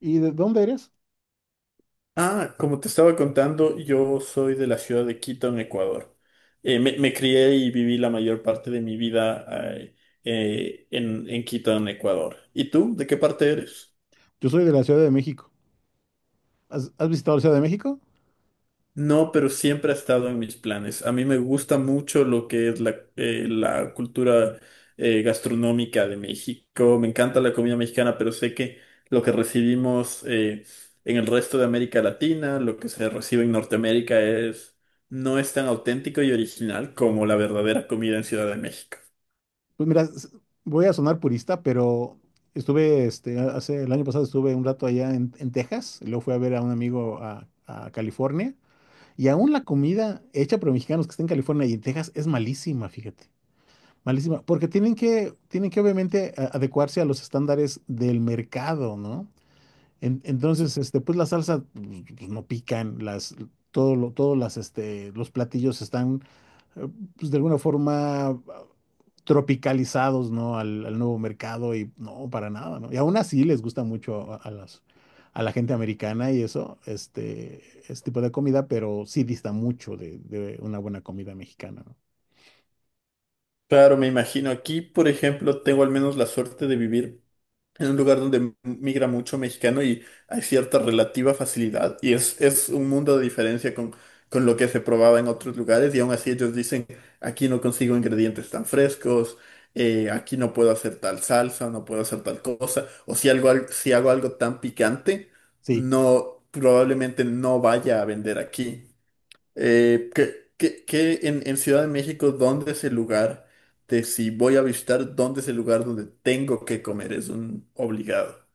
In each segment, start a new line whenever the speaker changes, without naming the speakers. ¿Y de dónde eres?
Como te estaba contando, yo soy de la ciudad de Quito, en Ecuador. Me crié y viví la mayor parte de mi vida eh, en Quito, en Ecuador. ¿Y tú? ¿De qué parte eres?
Yo soy de la Ciudad de México. ¿Has visitado la Ciudad de México?
No, pero siempre ha estado en mis planes. A mí me gusta mucho lo que es la cultura gastronómica de México. Me encanta la comida mexicana, pero sé que lo que recibimos en el resto de América Latina, lo que se recibe en Norteamérica no es tan auténtico y original como la verdadera comida en Ciudad de México.
Pues mira, voy a sonar purista, pero hace el año pasado estuve un rato allá en Texas, y luego fui a ver a un amigo a California, y aún la comida hecha por mexicanos que está en California y en Texas es malísima, fíjate, malísima, porque tienen que obviamente adecuarse a los estándares del mercado, ¿no?
Sí.
Entonces, pues la salsa pues, no pican, las, todo lo, todos las, este, los platillos están, eh, pues de alguna forma tropicalizados, ¿no? Al nuevo mercado y no, para nada, ¿no? Y aún así les gusta mucho a la gente americana y eso, este tipo de comida, pero sí dista mucho de una buena comida mexicana, ¿no?
Claro, me imagino aquí, por ejemplo, tengo al menos la suerte de vivir en un lugar donde migra mucho mexicano y hay cierta relativa facilidad. Es un mundo de diferencia con lo que se probaba en otros lugares. Y aún así ellos dicen, aquí no consigo ingredientes tan frescos, aquí no puedo hacer tal salsa, no puedo hacer tal cosa. O si algo, si hago algo tan picante,
Sí.
no, probablemente no vaya a vender aquí. ¿En Ciudad de México, ¿dónde es el lugar de, si voy a visitar, dónde es el lugar donde tengo que comer? Es un obligado.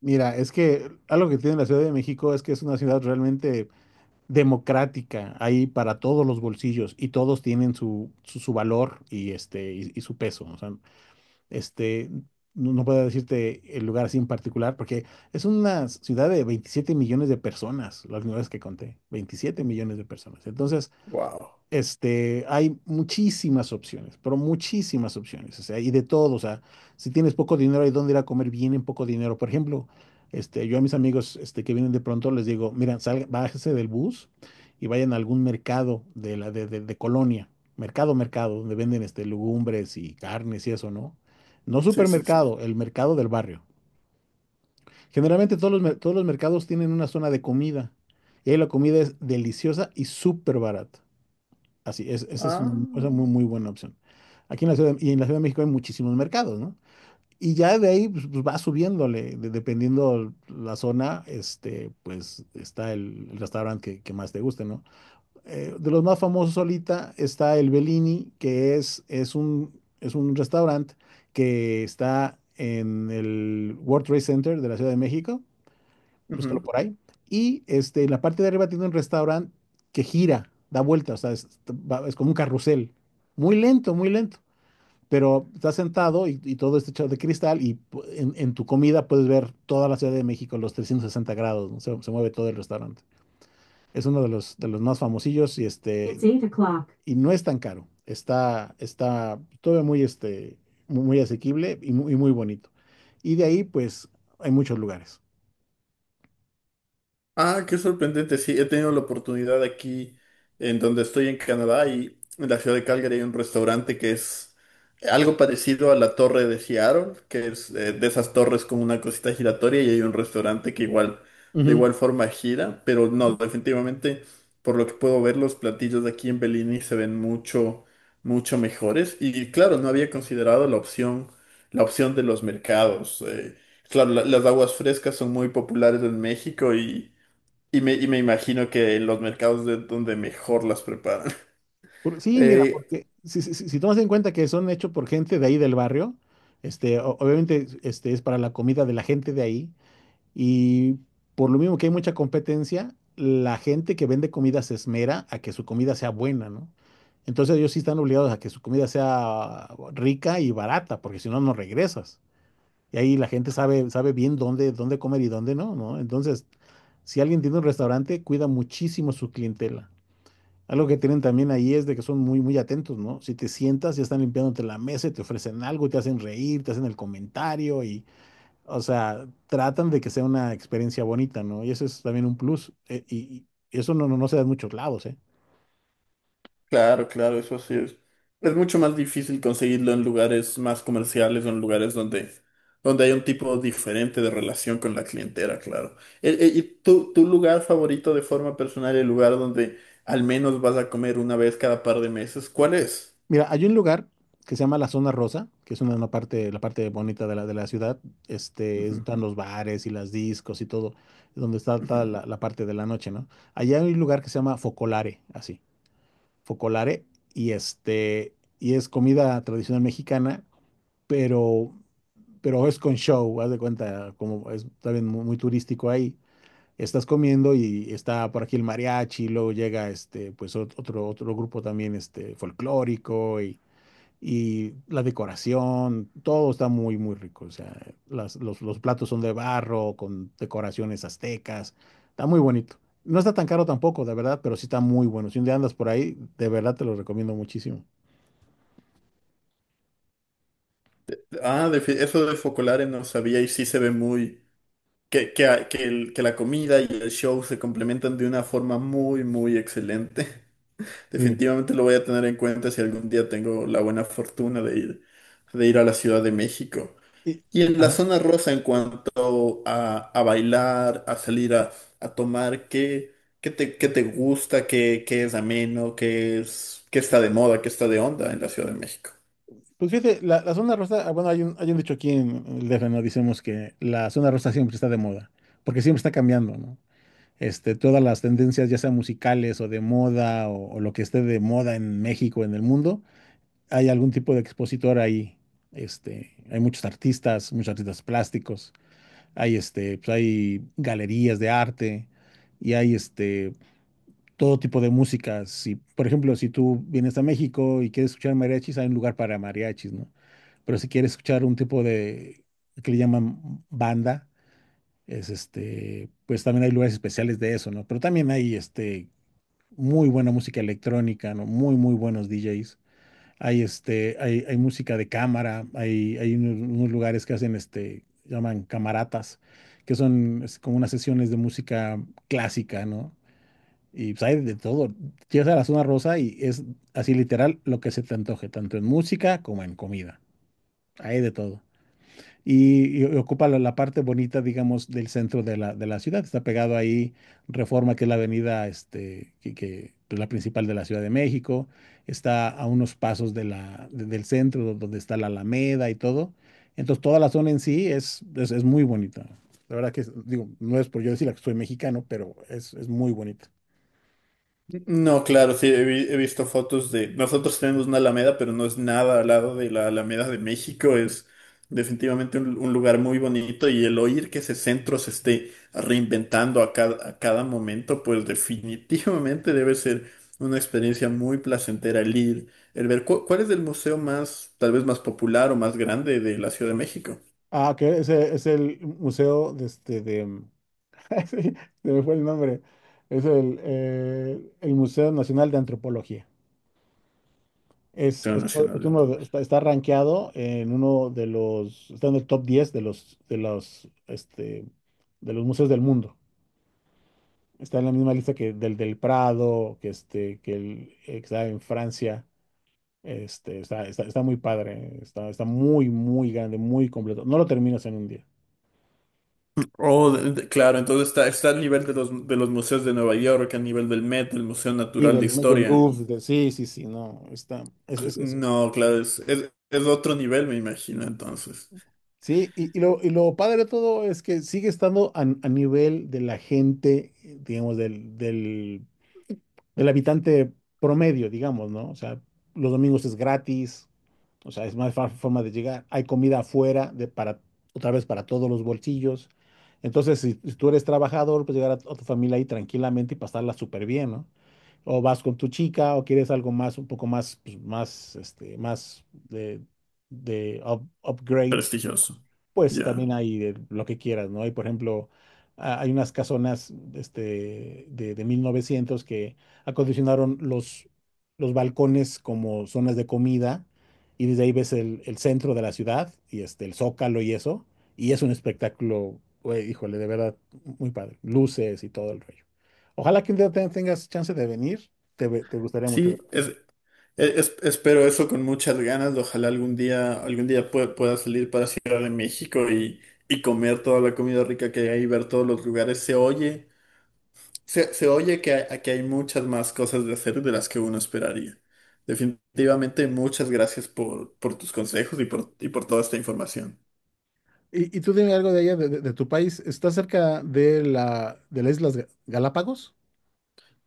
Mira, es que algo que tiene la Ciudad de México es que es una ciudad realmente democrática, hay para todos los bolsillos y todos tienen su valor y, y su peso. O sea, este, no, no puedo decirte el lugar así en particular porque es una ciudad de 27 millones de personas, las nuevas que conté, 27 millones de personas. Entonces,
Wow.
hay muchísimas opciones, pero muchísimas opciones, o sea, y de todo, o sea, si tienes poco dinero, hay dónde ir a comer bien en poco dinero. Por ejemplo, yo a mis amigos, que vienen de pronto les digo, miren, salga, bájese del bus y vayan a algún mercado de la de colonia, mercado, mercado, donde venden legumbres y carnes y eso, ¿no? No
Sí, sí, sí.
supermercado, el mercado del barrio. Generalmente todos los mercados tienen una zona de comida y ahí la comida es deliciosa y súper barata. Así es,
Ah.
esa muy, muy buena opción. Aquí en la ciudad, y en la Ciudad de México hay muchísimos mercados, ¿no? Y ya de ahí pues, va subiéndole, dependiendo la zona, pues está el restaurante que más te guste, ¿no? De los más famosos ahorita está el Bellini, que es un restaurante que está en el World Trade Center de la Ciudad de México. Búscalo
Ujú.
por ahí. Y en la parte de arriba tiene un restaurante que gira, da vuelta, o sea, es como un carrusel. Muy lento, muy lento. Pero estás sentado y todo está hecho de cristal y en tu comida puedes ver toda la Ciudad de México, los 360 grados, ¿no? Se mueve todo el restaurante. Es uno de los más famosillos y It's eight o'clock. Y no es tan caro. Está todo muy, muy, muy asequible y muy bonito. Y de ahí, pues, hay muchos lugares.
Ah, qué sorprendente. Sí, he tenido la oportunidad aquí en donde estoy en Canadá, y en la ciudad de Calgary hay un restaurante que es algo parecido a la torre de Seattle, que es, de esas torres con una cosita giratoria, y hay un restaurante que igual, de
Ujú.
igual forma gira, pero no,
Ujú.
definitivamente, por lo que puedo ver, los platillos de aquí en Bellini se ven mucho, mucho mejores. Y claro, no había considerado la opción de los mercados. Claro, las aguas frescas son muy populares en México, y me imagino que en los mercados de donde mejor las preparan.
Sí, mira,
Eh,
porque si tomas en cuenta que son hechos por gente de ahí del barrio, obviamente es para la comida de la gente de ahí y por lo mismo que hay mucha competencia, la gente que vende comida se esmera a que su comida sea buena, ¿no? Entonces ellos sí están obligados a que su comida sea rica y barata, porque si no, no regresas. Y ahí la gente sabe bien dónde comer y dónde no, ¿no? Entonces, si alguien tiene un restaurante, cuida muchísimo su clientela. Algo que tienen también ahí es de que son muy, muy atentos, ¿no? Si te sientas, ya están limpiándote la mesa y te ofrecen algo, te hacen reír, te hacen el comentario y, o sea, tratan de que sea una experiencia bonita, ¿no? Y eso es también un plus. Y eso no, no, no se da en muchos lados, ¿eh?
claro, claro, eso sí es. Es mucho más difícil conseguirlo en lugares más comerciales o en lugares donde hay un tipo diferente de relación con la clientela, claro. ¿Y tu lugar favorito de forma personal, el lugar donde al menos vas a comer una vez cada par de meses, cuál es?
Mira, hay un lugar que se llama la Zona Rosa, que es una parte, la parte bonita de la ciudad. Es donde
Ujú,
están los bares y las discos y todo, es donde
ujú.
toda la parte de la noche, ¿no? Allá hay un lugar que se llama Focolare, así, Focolare, y es comida tradicional mexicana, pero, pero es con show, haz de cuenta, como es también muy, muy turístico ahí. Estás comiendo y está por aquí el mariachi, luego llega pues otro grupo también folclórico y la decoración, todo está muy, muy rico. O sea, los platos son de barro, con decoraciones aztecas. Está muy bonito. No está tan caro tampoco, de verdad, pero sí está muy bueno. Si un día andas por ahí, de verdad te lo recomiendo muchísimo.
Ah, de eso de Focolare no sabía, y sí se ve muy... Que la comida y el show se complementan de una forma muy, muy excelente.
Sí.
Definitivamente lo voy a tener en cuenta si algún día tengo la buena fortuna de ir a la Ciudad de México.
Y,
Y en la
Ajá.
zona rosa, en cuanto a bailar, a salir a tomar, ¿qué te gusta? ¿Qué, qué es ameno? ¿Qué, es, qué está de moda? ¿Qué está de onda en la Ciudad de México?
Pues fíjate, la zona rosa, bueno, hay un dicho aquí en el DF, ¿no? Dicemos que la zona rosa siempre está de moda, porque siempre está cambiando, ¿no? Todas las tendencias, ya sean musicales o de moda o lo que esté de moda en México, en el mundo, hay algún tipo de expositor ahí. Hay muchos artistas plásticos, pues hay galerías de arte y hay todo tipo de música. Si, por ejemplo, si tú vienes a México y quieres escuchar mariachis, hay un lugar para mariachis, ¿no? Pero si quieres escuchar un tipo de que le llaman banda, pues también hay lugares especiales de eso, ¿no? Pero también hay muy buena música electrónica, ¿no? Muy, muy buenos DJs. Hay música de cámara, hay unos lugares que hacen, llaman camaratas, que son como unas sesiones de música clásica, ¿no? Y pues, hay de todo. Llegas a la zona rosa y es así literal lo que se te antoje, tanto en música como en comida. Hay de todo y ocupa la parte bonita, digamos, del centro de la ciudad. Está pegado ahí Reforma, que es la avenida, que, pues, la principal de la Ciudad de México. Está a unos pasos del centro, donde está la Alameda y todo. Entonces, toda la zona en sí es muy bonita. La verdad que, digo, no es por yo decir que soy mexicano, pero es muy bonita.
No, claro, sí, he, he visto fotos de... Nosotros tenemos una Alameda, pero no es nada al lado de la Alameda de México. Es definitivamente un lugar muy bonito, y el oír que ese centro se esté reinventando a cada momento, pues definitivamente debe ser una experiencia muy placentera el ir, el ver cuál es el museo más, tal vez más popular o más grande de la Ciudad de México.
Ah, que ese es el museo de este de. Sí, se me fue el nombre. Es el Museo Nacional de Antropología. Es,
Museo
es-
Nacional
es
de
uno de-
Antropología.
está, está rankeado en uno de los, está en el top 10 de los museos del mundo. Está en la misma lista que del Prado, que está en Francia. Está muy padre, está muy, muy grande, muy completo. No lo terminas en un día.
Oh, claro, entonces está, está al nivel de de los museos de Nueva York, al nivel del Met, del Museo
Sí,
Natural de
del
Historia.
Louvre, sí, sí, sí, no, está, es-
No, claro, es otro nivel, me imagino, entonces.
sí, y lo padre de todo es que sigue estando a nivel de la gente, digamos, del habitante promedio, digamos, ¿no? O sea, los domingos es gratis. O sea, es más fácil forma de llegar. Hay comida afuera para, otra vez para todos los bolsillos. Entonces, si tú eres trabajador, pues llegar a tu familia ahí tranquilamente y pasarla súper bien, ¿no? O vas con tu chica o quieres algo más, un poco más, pues, más, upgrade,
Prestigioso.
pues
Ya.
también hay de lo que quieras, ¿no? Hay, por ejemplo, hay unas casonas de 1900 que acondicionaron los balcones como zonas de comida y desde ahí ves el centro de la ciudad y el Zócalo y eso, y es un espectáculo, güey, híjole, de verdad, muy padre, luces y todo el rollo. Ojalá que un día tengas chance de venir, te gustaría mucho.
Sí, es, espero eso con muchas ganas. Ojalá algún día pueda salir para Ciudad de México, y comer toda la comida rica que hay, ver todos los lugares. Se oye. Se oye que aquí hay muchas más cosas de hacer de las que uno esperaría. Definitivamente, muchas gracias por tus consejos y por toda esta información.
Y tú dime algo de allá, de tu país, ¿estás cerca de las Islas Galápagos?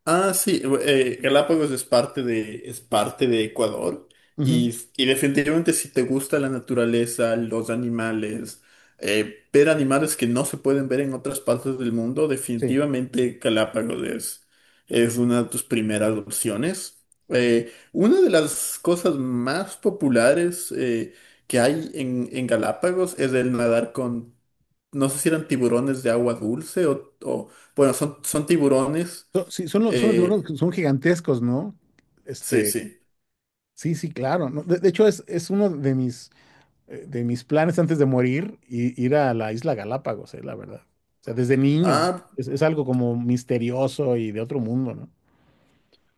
Ah, sí, Galápagos es parte de Ecuador,
Ujú.
y definitivamente si te gusta la naturaleza, los animales, ver animales que no se pueden ver en otras partes del mundo,
Sí,
definitivamente Galápagos es una de tus primeras opciones. Una de las cosas más populares que hay en Galápagos es el nadar con, no sé si eran tiburones de agua dulce bueno, son, son tiburones.
sí, son los tiburones
Eh,
que son gigantescos, ¿no?
sí,
Este,
sí.
sí, sí, claro. ¿No? De hecho, es uno de mis planes antes de morir, ir a la isla Galápagos, la verdad. O sea, desde niño.
Ah.
Es algo como misterioso y de otro mundo, ¿no?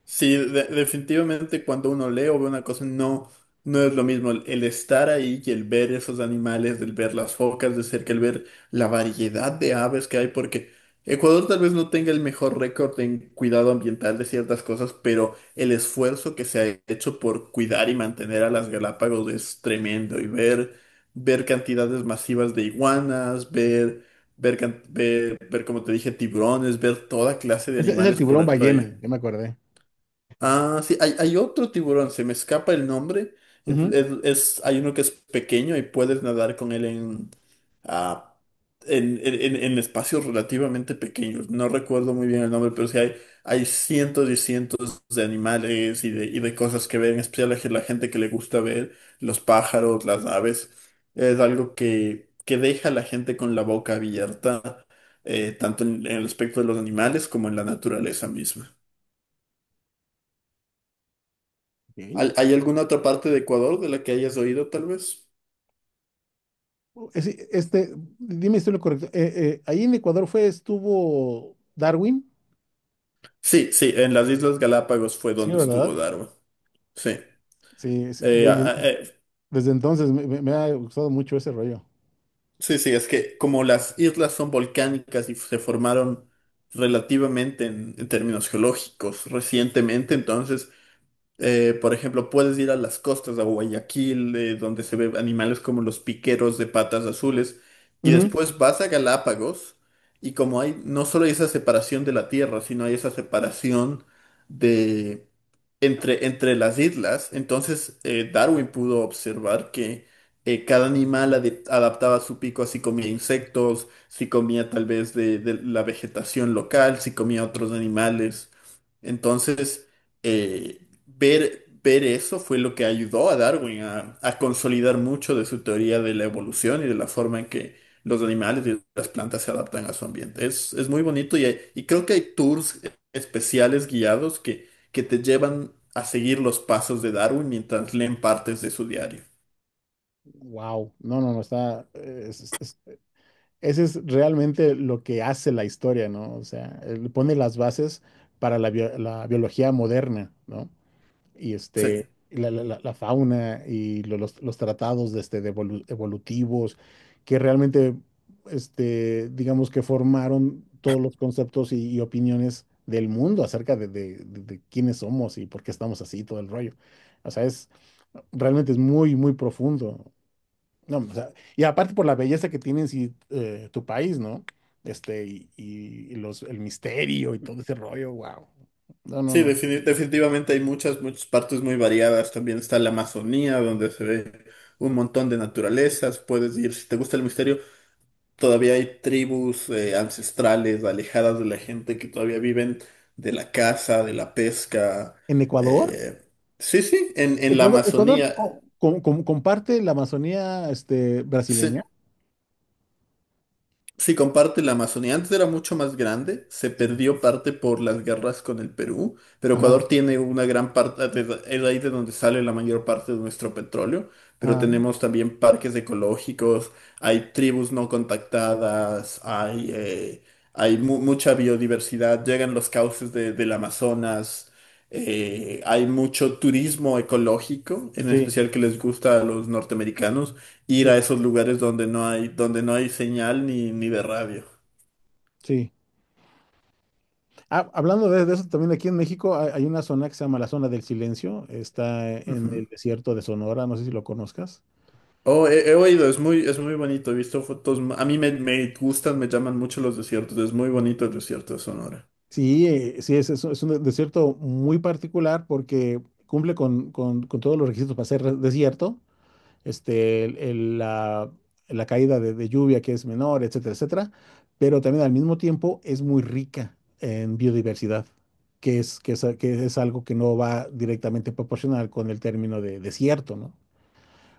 Sí, definitivamente cuando uno lee o ve una cosa, no, no es lo mismo el estar ahí y el ver esos animales, el ver las focas de cerca, el ver la variedad de aves que hay, porque Ecuador tal vez no tenga el mejor récord en cuidado ambiental de ciertas cosas, pero el esfuerzo que se ha hecho por cuidar y mantener a las Galápagos es tremendo. Ver cantidades masivas de iguanas, ver, como te dije, tiburones, ver toda clase de
Es el
animales
tiburón
por ahí.
ballena, ya me acordé.
Ah, sí, hay otro tiburón, se me escapa el nombre.
Ujú.
Hay uno que es pequeño y puedes nadar con él en, ah, en espacios relativamente pequeños. No recuerdo muy bien el nombre, pero sí hay cientos y cientos de animales y de cosas que ver, en especial a la gente que le gusta ver, los pájaros, las aves. Es algo que deja a la gente con la boca abierta, tanto en el aspecto de los animales como en la naturaleza misma.
Ok.
¿Hay, hay alguna otra parte de Ecuador de la que hayas oído, tal vez?
Dime si estoy en lo correcto. Ahí en Ecuador estuvo Darwin.
Sí, sí, en las Islas Galápagos fue
Sí,
donde
¿verdad?
estuvo Darwin. Sí.
Sí, sí,
Eh, a- a- eh,
desde entonces me ha gustado mucho ese rollo.
sí, sí, es que como las islas son volcánicas y se formaron relativamente en términos geológicos recientemente, entonces, por ejemplo, puedes ir a las costas de Guayaquil, donde se ven animales como los piqueros de patas azules, y después vas a Galápagos, y como hay, no solo hay esa separación de la tierra, sino hay esa separación de, entre las islas. Entonces, Darwin pudo observar que cada animal adaptaba su pico a si comía insectos, si comía tal vez de la vegetación local, si comía otros animales. Entonces, eh, ver eso fue lo que ayudó a Darwin a consolidar mucho de su teoría de la evolución y de la forma en que los animales y las plantas se adaptan a su ambiente. Es muy bonito, y creo que hay tours especiales guiados que te llevan a seguir los pasos de Darwin mientras leen partes de su diario.
Wow, no, no, no, está, es- ese es realmente lo que hace la historia, ¿no? O sea, él pone las bases para la biología moderna, ¿no? Y
Sí,
la fauna y los tratados de de evolutivos, que digamos que formaron todos los conceptos y opiniones del mundo acerca de quiénes somos y por qué estamos así, todo el rollo. O sea, realmente es muy profundo. No, o sea, y aparte por la belleza que tiene en sí, tu país, ¿no? Y el misterio y todo ese rollo, wow. No, no,
sí,
no.
definitivamente hay muchas, muchas partes muy variadas. También está la Amazonía, donde se ve un montón de naturalezas. Puedes ir, si te gusta el misterio, todavía hay tribus ancestrales alejadas de la gente que todavía viven de la caza, de la pesca.
En
eh, Sí, sí, en la
Ecuador
Amazonía.
comparte la Amazonía, este,
Sí.
brasileña.
Sí, comparte la Amazonía. Antes era mucho más grande, se perdió parte por las guerras con el Perú, pero
Ajá,
Ecuador tiene una gran parte, es ahí de donde sale la mayor parte de nuestro petróleo, pero
ajá.
tenemos también parques ecológicos, hay tribus no contactadas, hay, mucha biodiversidad, llegan los cauces del Amazonas, hay mucho turismo ecológico, en
Sí,
especial que les gusta a los norteamericanos ir
sí,
a esos lugares donde no hay señal ni de radio.
sí. Ah, hablando de eso, también aquí en México hay una zona que se llama la zona del silencio. Está en
Ujú.
el desierto de Sonora, no sé si lo conozcas.
Oh, he, he oído, es muy bonito, he visto fotos. A mí me, me gustan, me llaman mucho los desiertos, es muy bonito el desierto de Sonora.
Sí, sí, es un desierto muy particular porque cumple con todos los requisitos para ser desierto, este, el- el- la, la caída de lluvia que es menor, etcétera, etcétera, pero también al mismo tiempo es muy rica en biodiversidad, que es algo que no va directamente proporcional con el término de desierto, ¿no?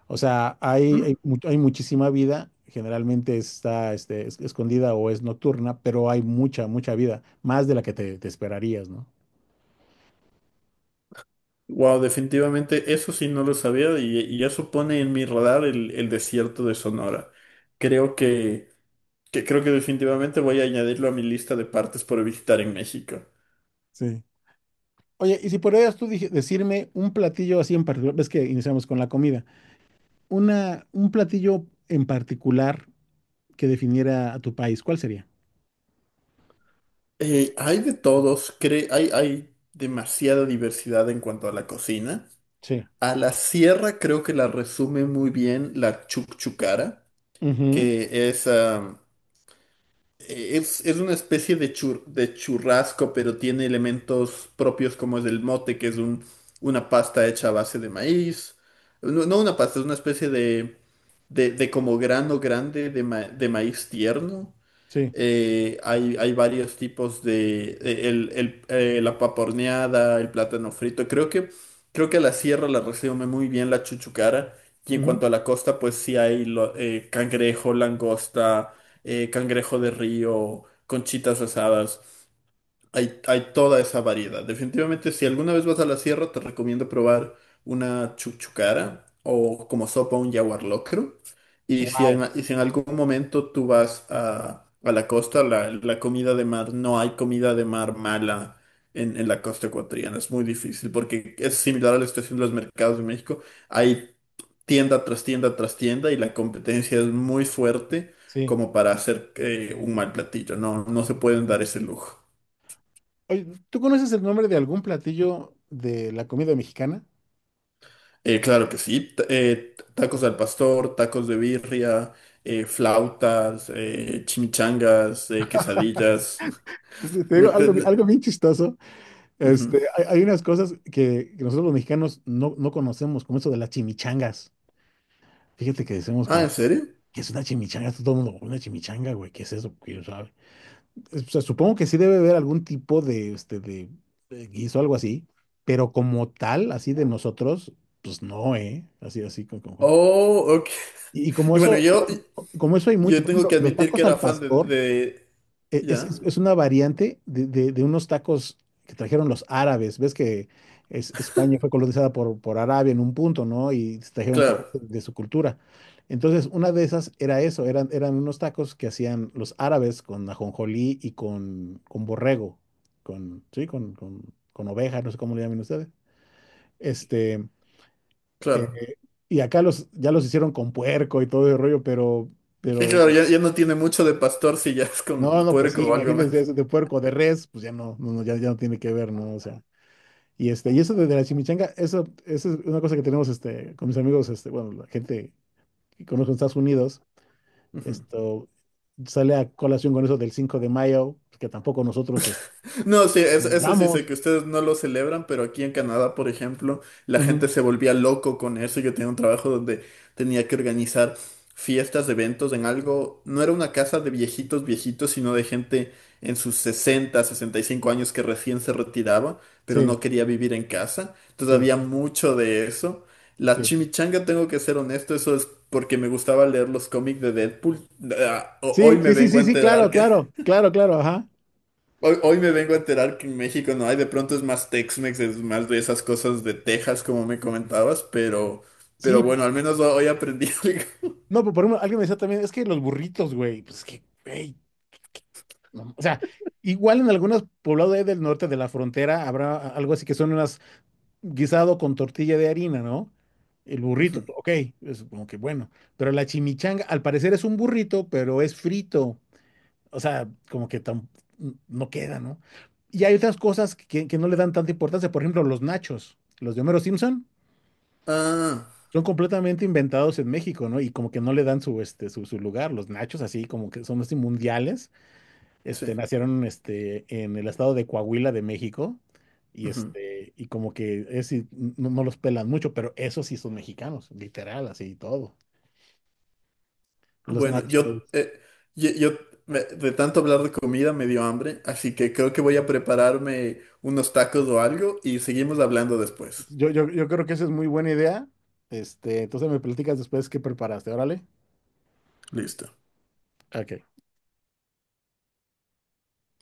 O sea, hay muchísima vida, generalmente está escondida o es nocturna, pero hay mucha vida, más de la que te esperarías, ¿no?
Wow, definitivamente eso sí no lo sabía, y eso pone en mi radar el desierto de Sonora. Creo que creo que definitivamente voy a añadirlo a mi lista de partes por visitar en México.
Sí. Oye, y si podrías tú decirme un platillo así en particular, ves que iniciamos con la comida, un platillo en particular que definiera a tu país, ¿cuál sería?
Hay de todos, hay, hay demasiada diversidad en cuanto a la cocina.
Sí.
A la sierra creo que la resume muy bien la chucchucara,
Ujú,
que es, ah, es una especie de, de churrasco, pero tiene elementos propios como es el mote, que es un, una pasta hecha a base de maíz. No, no una pasta, es una especie de como grano grande de, de maíz tierno.
sí,
Hay, hay varios tipos de la paporneada, el plátano frito. Creo que la sierra la resume muy bien la chuchucara. Y en
ujú.
cuanto a la costa, pues sí hay cangrejo, langosta, cangrejo de río, conchitas asadas. Hay toda esa variedad. Definitivamente, si alguna vez vas a la sierra, te recomiendo probar una chuchucara o como sopa un yaguar locro. Y si en,
Wow.
y si en algún momento tú vas a la costa, la comida de mar, no hay comida de mar mala en la costa ecuatoriana. Es muy difícil porque es similar a la situación de los mercados de México. Hay tienda tras tienda tras tienda, y la competencia es muy fuerte
Sí.
como para hacer, un mal platillo. No, no se pueden dar ese lujo.
Oye, ¿tú conoces el nombre de algún platillo de la comida mexicana?
Claro que sí. Tacos al pastor, tacos de birria, flautas, chimichangas, quesadillas.
Te te digo algo,
Enten-
algo bien chistoso.
Ujú.
Este, hay unas cosas que nosotros los mexicanos no conocemos, como eso de las chimichangas. Fíjate que decimos
Ah,
como,
¿en serio?
¿qué es una chimichanga? Todo el mundo, una chimichanga, güey, ¿qué es eso? ¿Quién sabe? O sea, supongo que sí debe haber algún tipo de guiso, algo así, pero como tal, así de nosotros, pues no, ¿eh? Así, así, como, como-
Oh, ok.
Y como
Y bueno,
eso,
yo,
como, como eso hay muchos,
yo
por
tengo
ejemplo,
que
los
admitir que
tacos
era
al
fan
pastor,
de- Ya,
es una variante de unos tacos que trajeron los árabes. Ves que España fue colonizada por Arabia en un punto, ¿no? Y trajeron parte
claro,
de su cultura. Entonces, una de esas era eso, eran unos tacos que hacían los árabes con ajonjolí y con borrego, con, sí, con oveja, no sé cómo le llaman ustedes. Este, eh,
claro.
y acá los, ya los hicieron con puerco y todo el rollo,
Que
pero
claro, ya, ya no tiene mucho de pastor si ya es
no,
con
no, no, pues sí,
puerco o algo
imagínense
más.
eso de puerco, de res, pues ya no, ya no tiene que ver, ¿no? O sea, este, y eso de la chimichanga, eso es una cosa que tenemos este, con mis amigos, este, bueno, la gente que conozco en Estados Unidos,
Ujú.
esto sale a colación con eso del 5 de mayo, que tampoco nosotros
No, sí, eso sí sé
celebramos.
que ustedes no lo celebran, pero aquí en Canadá, por ejemplo, la gente
Ujú,
se volvía loco con eso. Yo tenía un trabajo donde tenía que organizar fiestas, eventos en algo. No era una casa de viejitos, viejitos, sino de gente en sus 60, 65 años, que recién se retiraba, pero
sí,
no quería vivir en casa. Entonces
sí,
había mucho de eso. La
sí.
chimichanga, tengo que ser honesto, eso es porque me gustaba leer los cómics de Deadpool. Ah,
Sí,
hoy me
sí, sí,
vengo a
sí, sí, claro,
enterar que
claro, claro, claro, ajá.
hoy, hoy me vengo a enterar que en México no hay, de pronto es más Tex-Mex, es más de esas cosas de Texas, como me comentabas,
Sí,
pero bueno, al menos hoy aprendí algo.
no, pero por ejemplo, alguien me decía también, es que los burritos, güey, pues es que, güey, no, o sea, igual en algunos poblados ahí del norte de la frontera habrá algo así que son unas guisado con tortilla de harina, ¿no? El burrito,
Ujú.
ok, es como que bueno, pero la chimichanga al parecer es un burrito, pero es frito, o sea, como que no queda, ¿no? Y hay otras cosas que no le dan tanta importancia, por ejemplo, los nachos, los de Homero Simpson,
Ah,
son completamente inventados en México, ¿no? Y como que no le dan este, su lugar, los nachos así como que son así mundiales
sí.
este, nacieron este, en el estado de Coahuila de México y,
Ujú.
este, y como que es, y no, no los pelan mucho, pero esos sí son mexicanos, literal, así y todo. Los
Bueno, yo,
nachos.
yo, de tanto hablar de comida me dio hambre, así que creo que voy a prepararme unos tacos o algo y seguimos hablando después.
Yo creo que esa es muy buena idea. Este, entonces me platicas después qué preparaste, órale.
Listo.
Ok.